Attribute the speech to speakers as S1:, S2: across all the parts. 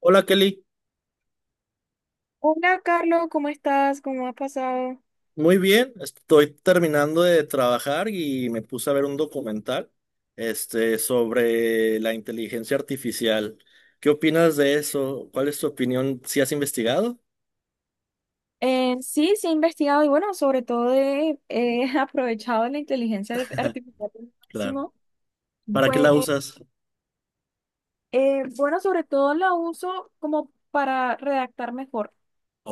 S1: Hola Kelly,
S2: Hola Carlos, ¿cómo estás? ¿Cómo has pasado?
S1: muy bien, estoy terminando de trabajar y me puse a ver un documental sobre la inteligencia artificial. ¿Qué opinas de eso? ¿Cuál es tu opinión? ¿Si has investigado?
S2: Sí, sí he investigado y bueno, sobre todo he aprovechado la inteligencia artificial al
S1: Claro.
S2: máximo.
S1: ¿Para qué
S2: Pues
S1: la usas?
S2: bueno, sobre todo la uso como para redactar mejor.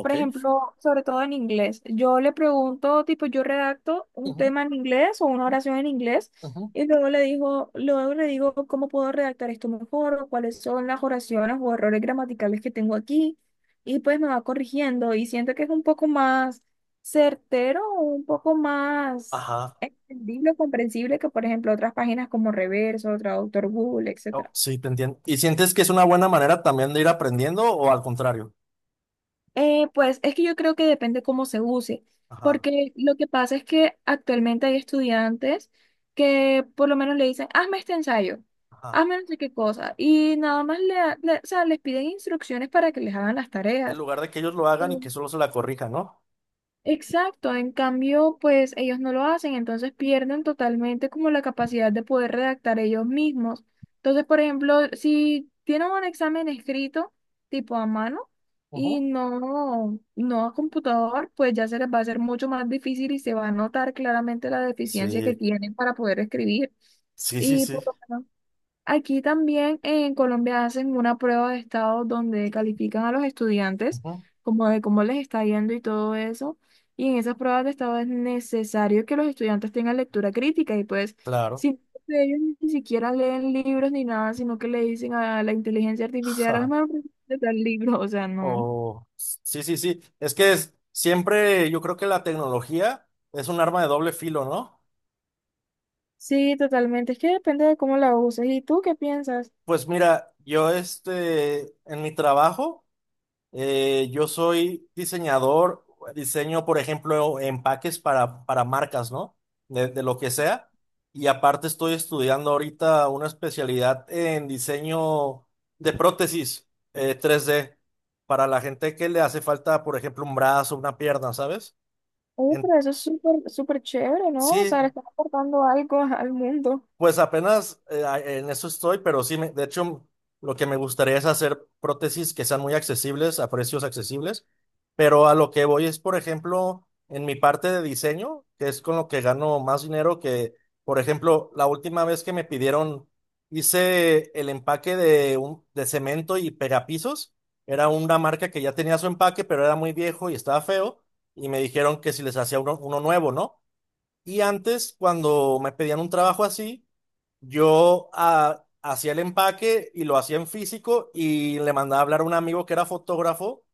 S2: Por ejemplo, sobre todo en inglés. Yo le pregunto, tipo, yo redacto un
S1: Ujú,
S2: tema en inglés o una oración en inglés,
S1: ujú.
S2: y luego le digo cómo puedo redactar esto mejor o cuáles son las oraciones o errores gramaticales que tengo aquí, y pues me va corrigiendo y siento que es un poco más certero o un poco más
S1: Ajá.
S2: entendible, comprensible que, por ejemplo, otras páginas como Reverso, Traductor Google,
S1: Oh,
S2: etcétera.
S1: sí, te entiendo. ¿Y sientes que es una buena manera también de ir aprendiendo o al contrario?
S2: Pues es que yo creo que depende cómo se use,
S1: Ajá,
S2: porque lo que pasa es que actualmente hay estudiantes que por lo menos le dicen, hazme este ensayo,
S1: ajá.
S2: hazme no sé qué cosa, y nada más o sea, les piden instrucciones para que les hagan las
S1: En
S2: tareas.
S1: lugar de que ellos lo hagan y que solo se la corrijan, ¿no?
S2: Exacto, en cambio, pues ellos no lo hacen, entonces pierden totalmente como la capacidad de poder redactar ellos mismos. Entonces, por ejemplo, si tienen un examen escrito, tipo a mano, y
S1: Ujú.
S2: no a computador, pues ya se les va a hacer mucho más difícil y se va a notar claramente la deficiencia que
S1: Sí,
S2: tienen para poder escribir.
S1: sí, sí,
S2: Y
S1: sí.
S2: por lo menos aquí también en Colombia hacen una prueba de estado donde califican a los estudiantes
S1: Ujú.
S2: como de cómo les está yendo y todo eso. Y en esas pruebas de estado es necesario que los estudiantes tengan lectura crítica, y pues
S1: Claro.
S2: si de ellos ni siquiera leen libros ni nada, sino que le dicen a la inteligencia artificial, hermano, de tal libro, o sea, no.
S1: Oh, sí, sí, sí. Es que es, siempre yo creo que la tecnología es un arma de doble filo, ¿no?
S2: Sí, totalmente. Es que depende de cómo la uses. ¿Y tú qué piensas?
S1: Pues mira, yo en mi trabajo, yo soy diseñador, diseño, por ejemplo, empaques para marcas, ¿no? De lo que sea. Y aparte estoy estudiando ahorita una especialidad en diseño de prótesis, 3D, para la gente que le hace falta, por ejemplo, un brazo, una pierna, ¿sabes?
S2: Oye,
S1: En-
S2: pero eso es súper, súper chévere, ¿no? O sea, le
S1: Sí,
S2: están aportando algo al mundo.
S1: pues apenas en eso estoy, pero sí, de hecho, lo que me gustaría es hacer prótesis que sean muy accesibles, a precios accesibles, pero a lo que voy es, por ejemplo, en mi parte de diseño, que es con lo que gano más dinero, que, por ejemplo, la última vez que me pidieron, hice el empaque de cemento y pegapisos, era una marca que ya tenía su empaque, pero era muy viejo y estaba feo, y me dijeron que si les hacía uno nuevo, ¿no? Y antes, cuando me pedían un trabajo así, yo hacía el empaque y lo hacía en físico y le mandaba a hablar a un amigo que era fotógrafo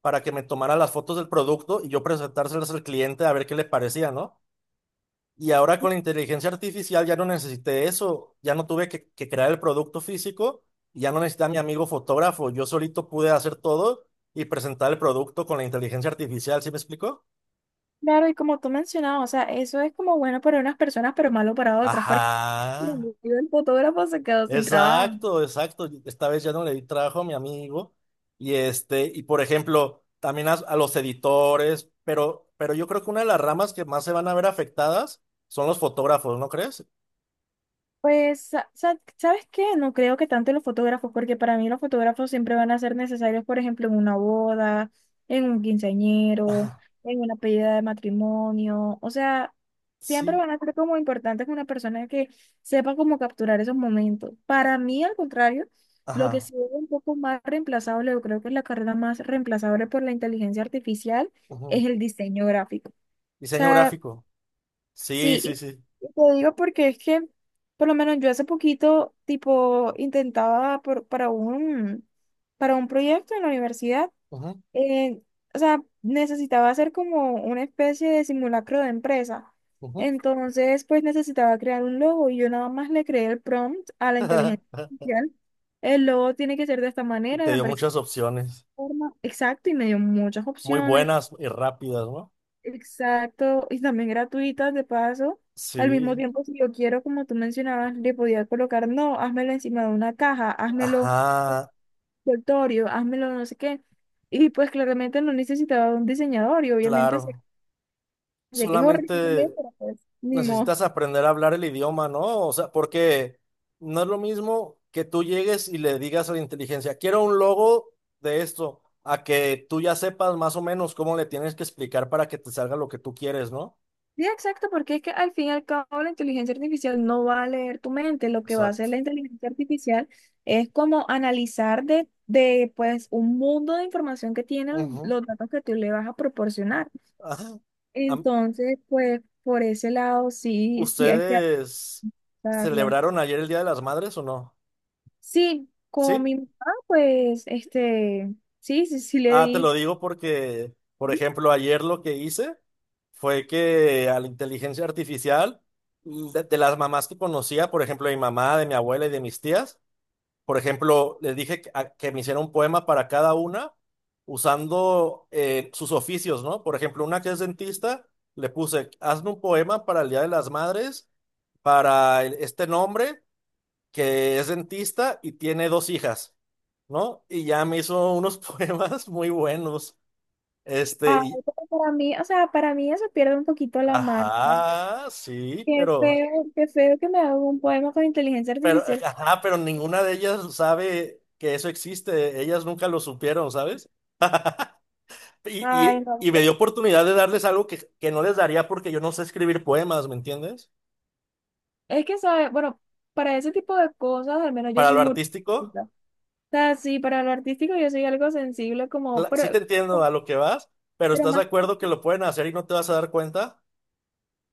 S1: para que me tomara las fotos del producto y yo presentárselas al cliente a ver qué le parecía, ¿no? Y ahora con la inteligencia artificial ya no necesité eso, ya no tuve que crear el producto físico, ya no necesité a mi amigo fotógrafo, yo solito pude hacer todo y presentar el producto con la inteligencia artificial, ¿sí me explico?
S2: Claro, y como tú mencionabas, o sea, eso es como bueno para unas personas, pero malo para otras,
S1: Ajá.
S2: porque el fotógrafo se quedó sin trabajo.
S1: Exacto, exacto. Esta vez ya no le di trabajo a mi amigo. Y este, y por ejemplo, también a los editores, pero yo creo que una de las ramas que más se van a ver afectadas son los fotógrafos, ¿no crees?
S2: Pues, ¿sabes qué? No creo que tanto los fotógrafos, porque para mí los fotógrafos siempre van a ser necesarios, por ejemplo, en una boda, en un quinceañero,
S1: Ajá,
S2: en una pedida de matrimonio. O sea, siempre
S1: sí,
S2: van a ser como importantes una persona que sepa cómo capturar esos momentos. Para mí, al contrario, lo que
S1: ajá.
S2: sí es un poco más reemplazable, yo creo que es la carrera más reemplazable por la inteligencia artificial,
S1: Ujú.
S2: es el diseño gráfico. O
S1: Diseño
S2: sea,
S1: gráfico. Sí,
S2: sí,
S1: sí, sí.
S2: y te digo porque es que, por lo menos yo hace poquito, tipo, intentaba para un proyecto en la universidad,
S1: Ujú,
S2: eh, o sea, necesitaba hacer como una especie de simulacro de empresa.
S1: ujú.
S2: Entonces, pues necesitaba crear un logo y yo nada más le creé el prompt a la inteligencia artificial. El logo tiene que ser de esta
S1: Y
S2: manera,
S1: te
S2: la
S1: dio
S2: empresa de
S1: muchas
S2: esta
S1: opciones,
S2: forma, exacto, y me dio muchas
S1: muy
S2: opciones.
S1: buenas y rápidas, ¿no?
S2: Exacto, y también gratuitas de paso. Al mismo
S1: Sí,
S2: tiempo, si yo quiero, como tú mencionabas, le podía colocar, no, házmelo encima de una caja, házmelo
S1: ajá,
S2: envoltorio, házmelo no sé qué. Y pues claramente no necesitaba un diseñador y obviamente sé,
S1: claro.
S2: sé que es horrible,
S1: Solamente
S2: pero pues ni modo.
S1: necesitas aprender a hablar el idioma, ¿no? O sea, porque no es lo mismo que tú llegues y le digas a la inteligencia, quiero un logo de esto, a que tú ya sepas más o menos cómo le tienes que explicar para que te salga lo que tú quieres, ¿no?
S2: Sí, exacto, porque es que al fin y al cabo la inteligencia artificial no va a leer tu mente, lo que va a hacer
S1: Exacto.
S2: la inteligencia artificial es como analizar de pues un mundo de información que tienen
S1: Ujú.
S2: los datos que tú le vas a proporcionar.
S1: Ajá. Am-
S2: Entonces, pues por ese lado sí, sí hay que
S1: ¿Ustedes
S2: adaptarla.
S1: celebraron ayer el Día de las Madres o no?
S2: Sí, con
S1: Sí.
S2: mi mamá, pues, sí, sí, sí le
S1: Ah, te lo
S2: di.
S1: digo porque, por ejemplo, ayer lo que hice fue que a la inteligencia artificial, de las mamás que conocía, por ejemplo, de mi mamá, de mi abuela y de mis tías, por ejemplo, les dije que me hiciera un poema para cada una usando sus oficios, ¿no? Por ejemplo, una que es dentista, le puse, hazme un poema para el Día de las Madres, para este nombre que es dentista y tiene dos hijas, ¿no? Y ya me hizo unos poemas muy buenos. Este,
S2: Ah,
S1: y-
S2: pero para mí, o sea, para mí eso pierde un poquito la marca.
S1: ajá, sí,
S2: Qué feo que me haga un poema con inteligencia artificial.
S1: ajá, pero ninguna de ellas sabe que eso existe. Ellas nunca lo supieron, ¿sabes? Y,
S2: Ay,
S1: y,
S2: no.
S1: y me
S2: Bueno,
S1: dio oportunidad de darles algo que no les daría porque yo no sé escribir poemas, ¿me entiendes?
S2: es que, ¿sabes? Bueno, para ese tipo de cosas, al menos yo
S1: Para
S2: soy
S1: lo
S2: muy
S1: artístico,
S2: artística. O sea, sí, para lo artístico yo soy algo sensible, como,
S1: sí te entiendo a lo que vas, pero
S2: pero
S1: ¿estás de
S2: más.
S1: acuerdo que lo pueden hacer y no te vas a dar cuenta?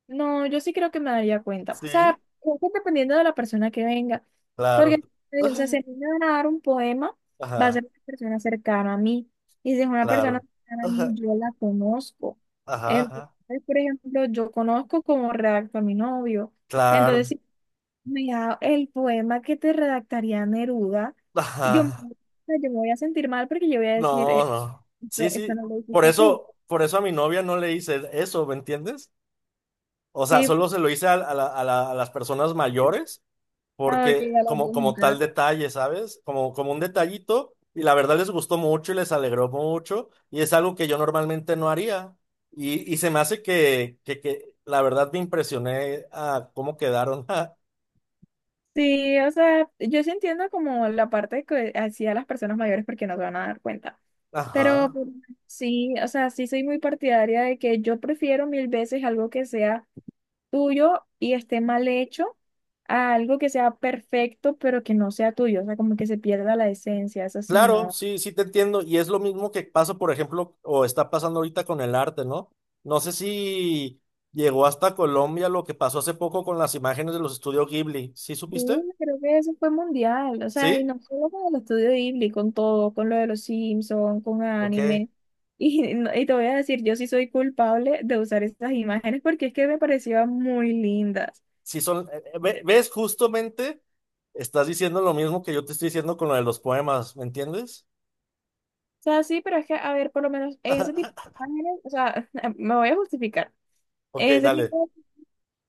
S2: No, yo sí creo que me daría cuenta. O sea,
S1: Sí,
S2: creo que dependiendo de la persona que venga.
S1: claro.
S2: Porque, o sea, si a mí me van a dar un poema, va a
S1: Ajá,
S2: ser una persona cercana a mí. Y si es una persona
S1: claro.
S2: cercana a mí,
S1: Ajá,
S2: yo la conozco.
S1: ajá,
S2: Entonces,
S1: ajá,
S2: por ejemplo, yo conozco cómo redacto a mi novio.
S1: claro.
S2: Entonces, si mira, el poema que te redactaría Neruda,
S1: Ajá.
S2: o sea, yo me voy a sentir mal porque yo voy a decir,
S1: No, no. Sí,
S2: esto, esto
S1: sí.
S2: no lo hiciste tú.
S1: Por eso a mi novia no le hice eso, ¿me entiendes? O sea,
S2: Sí,
S1: solo se lo hice a las personas mayores,
S2: ah, ok,
S1: porque
S2: a la
S1: como, como tal
S2: viejita.
S1: detalle, ¿sabes? Como, como un detallito, y la verdad les gustó mucho y les alegró mucho, y es algo que yo normalmente no haría. Y se me hace que la verdad me impresioné a cómo quedaron.
S2: Sí, o sea, yo sí entiendo como la parte que hacía las personas mayores porque no se van a dar cuenta. Pero
S1: Ajá.
S2: pues, sí, o sea, sí soy muy partidaria de que yo prefiero mil veces algo que sea tuyo y esté mal hecho a algo que sea perfecto pero que no sea tuyo. O sea, como que se pierda la esencia, eso sí,
S1: Claro,
S2: no.
S1: sí, sí te entiendo. Y es lo mismo que pasa, por ejemplo, o está pasando ahorita con el arte, ¿no? No sé si llegó hasta Colombia lo que pasó hace poco con las imágenes de los estudios Ghibli. ¿Sí
S2: Sí,
S1: supiste?
S2: creo que eso fue mundial, o sea, y
S1: ¿Sí?
S2: no solo con el estudio Ghibli, con todo, con lo de los Simpsons, con
S1: Ok.
S2: anime. Y, no- y te voy a decir, yo sí soy culpable de usar esas imágenes porque es que me parecían muy lindas.
S1: Sí son, ves, justamente estás diciendo lo mismo que yo te estoy diciendo con lo de los poemas, ¿me entiendes?
S2: O sea, sí, pero es que, a ver, por lo menos en ese tipo de imágenes, o sea, me voy a justificar.
S1: Ok,
S2: En ese
S1: dale.
S2: tipo,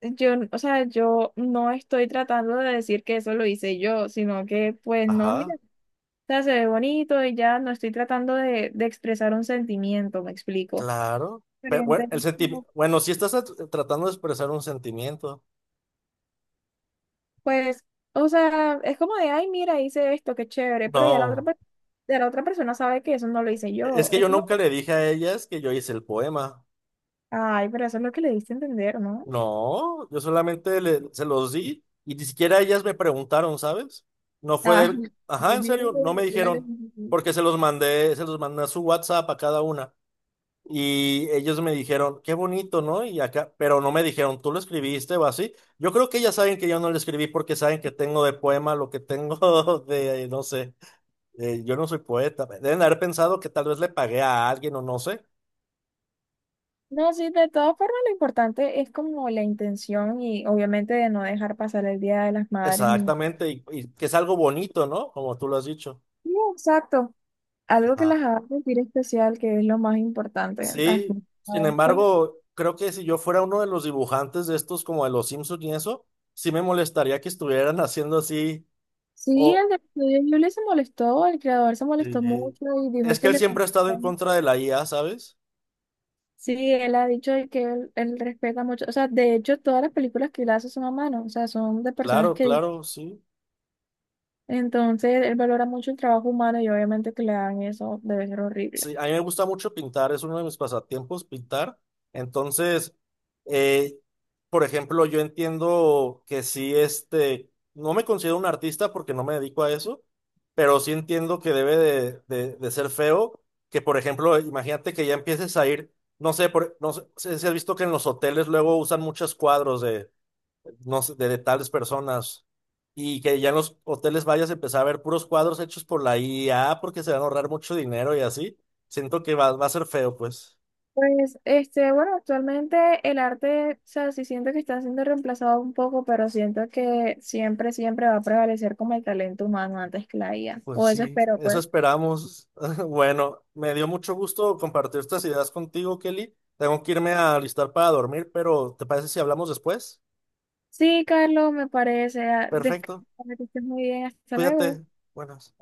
S2: yo, o sea, yo no estoy tratando de decir que eso lo hice yo, sino que, pues, no, mira,
S1: Ajá,
S2: o sea, se ve bonito y ya no estoy tratando de expresar un sentimiento, me explico.
S1: claro. Pero, bueno,
S2: Diferente.
S1: el sentimiento,
S2: No,
S1: bueno, si estás tratando de expresar un sentimiento.
S2: pues, o sea, es como de, ay, mira, hice esto, qué chévere, pero ya la otra,
S1: No.
S2: ya la otra persona sabe que eso no lo hice
S1: Es
S2: yo.
S1: que
S2: Es
S1: yo
S2: como que,
S1: nunca le dije a ellas que yo hice el poema.
S2: ay, pero eso es lo que le diste a entender, ¿no?
S1: No, yo solamente se los di y ni siquiera ellas me preguntaron, ¿sabes? No fue
S2: Ah,
S1: de, ajá,
S2: me
S1: en
S2: dieron
S1: serio,
S2: la
S1: no me
S2: oportunidad de
S1: dijeron, porque se los mandé a su WhatsApp a cada una y ellos me dijeron, qué bonito, ¿no? Y acá, pero no me dijeron, tú lo escribiste o así. Yo creo que ellas saben que yo no lo escribí porque saben que tengo de poema lo que tengo de, no sé, yo no soy poeta. Deben haber pensado que tal vez le pagué a alguien o no sé.
S2: no, sí, de todas formas, lo importante es como la intención y obviamente de no dejar pasar el Día de las Madres. Ni
S1: Exactamente, y que es algo bonito, ¿no? Como tú lo has dicho.
S2: sí, exacto, algo que
S1: Ajá.
S2: las haga sentir especial, que es lo más importante al
S1: Sí,
S2: fin y
S1: sin
S2: al cabo.
S1: embargo, creo que si yo fuera uno de los dibujantes de estos, como de los Simpsons y eso, sí me molestaría que estuvieran haciendo así.
S2: Sí, el
S1: O
S2: del estudio Ghibli se molestó, el creador se molestó
S1: Sí.
S2: mucho y dijo
S1: Es que
S2: que
S1: él
S2: le
S1: siempre ha
S2: parecía-
S1: estado en contra de la IA, ¿sabes?
S2: Sí, él ha dicho de que él respeta mucho, o sea, de hecho todas las películas que él hace son a mano, o sea, son de personas
S1: Claro,
S2: que
S1: claro, sí.
S2: entonces él valora mucho el trabajo humano y obviamente que le hagan eso debe ser horrible.
S1: Sí, a mí me gusta mucho pintar, es uno de mis pasatiempos pintar. Entonces, eh, por ejemplo, yo entiendo que sí, no me considero un artista porque no me dedico a eso, pero sí entiendo que debe de ser feo, que por ejemplo, imagínate que ya empieces a ir, no sé, no sé si has visto que en los hoteles luego usan muchos cuadros de, no sé, de tales personas. Y que ya en los hoteles vayas a empezar a ver puros cuadros hechos por la IA porque se van a ahorrar mucho dinero y así. Siento que va a ser feo, pues.
S2: Pues, este, bueno, actualmente el arte, o sea, sí siento que está siendo reemplazado un poco, pero siento que siempre, siempre va a prevalecer como el talento humano antes que la IA,
S1: Pues
S2: o eso
S1: sí,
S2: espero,
S1: eso
S2: pues.
S1: esperamos. Bueno, me dio mucho gusto compartir estas ideas contigo, Kelly. Tengo que irme a alistar para dormir, pero ¿te parece si hablamos después?
S2: Sí, Carlos, me parece. Ah,
S1: Perfecto.
S2: descansa, que estés muy bien. Hasta luego.
S1: Cuídate. Buenas.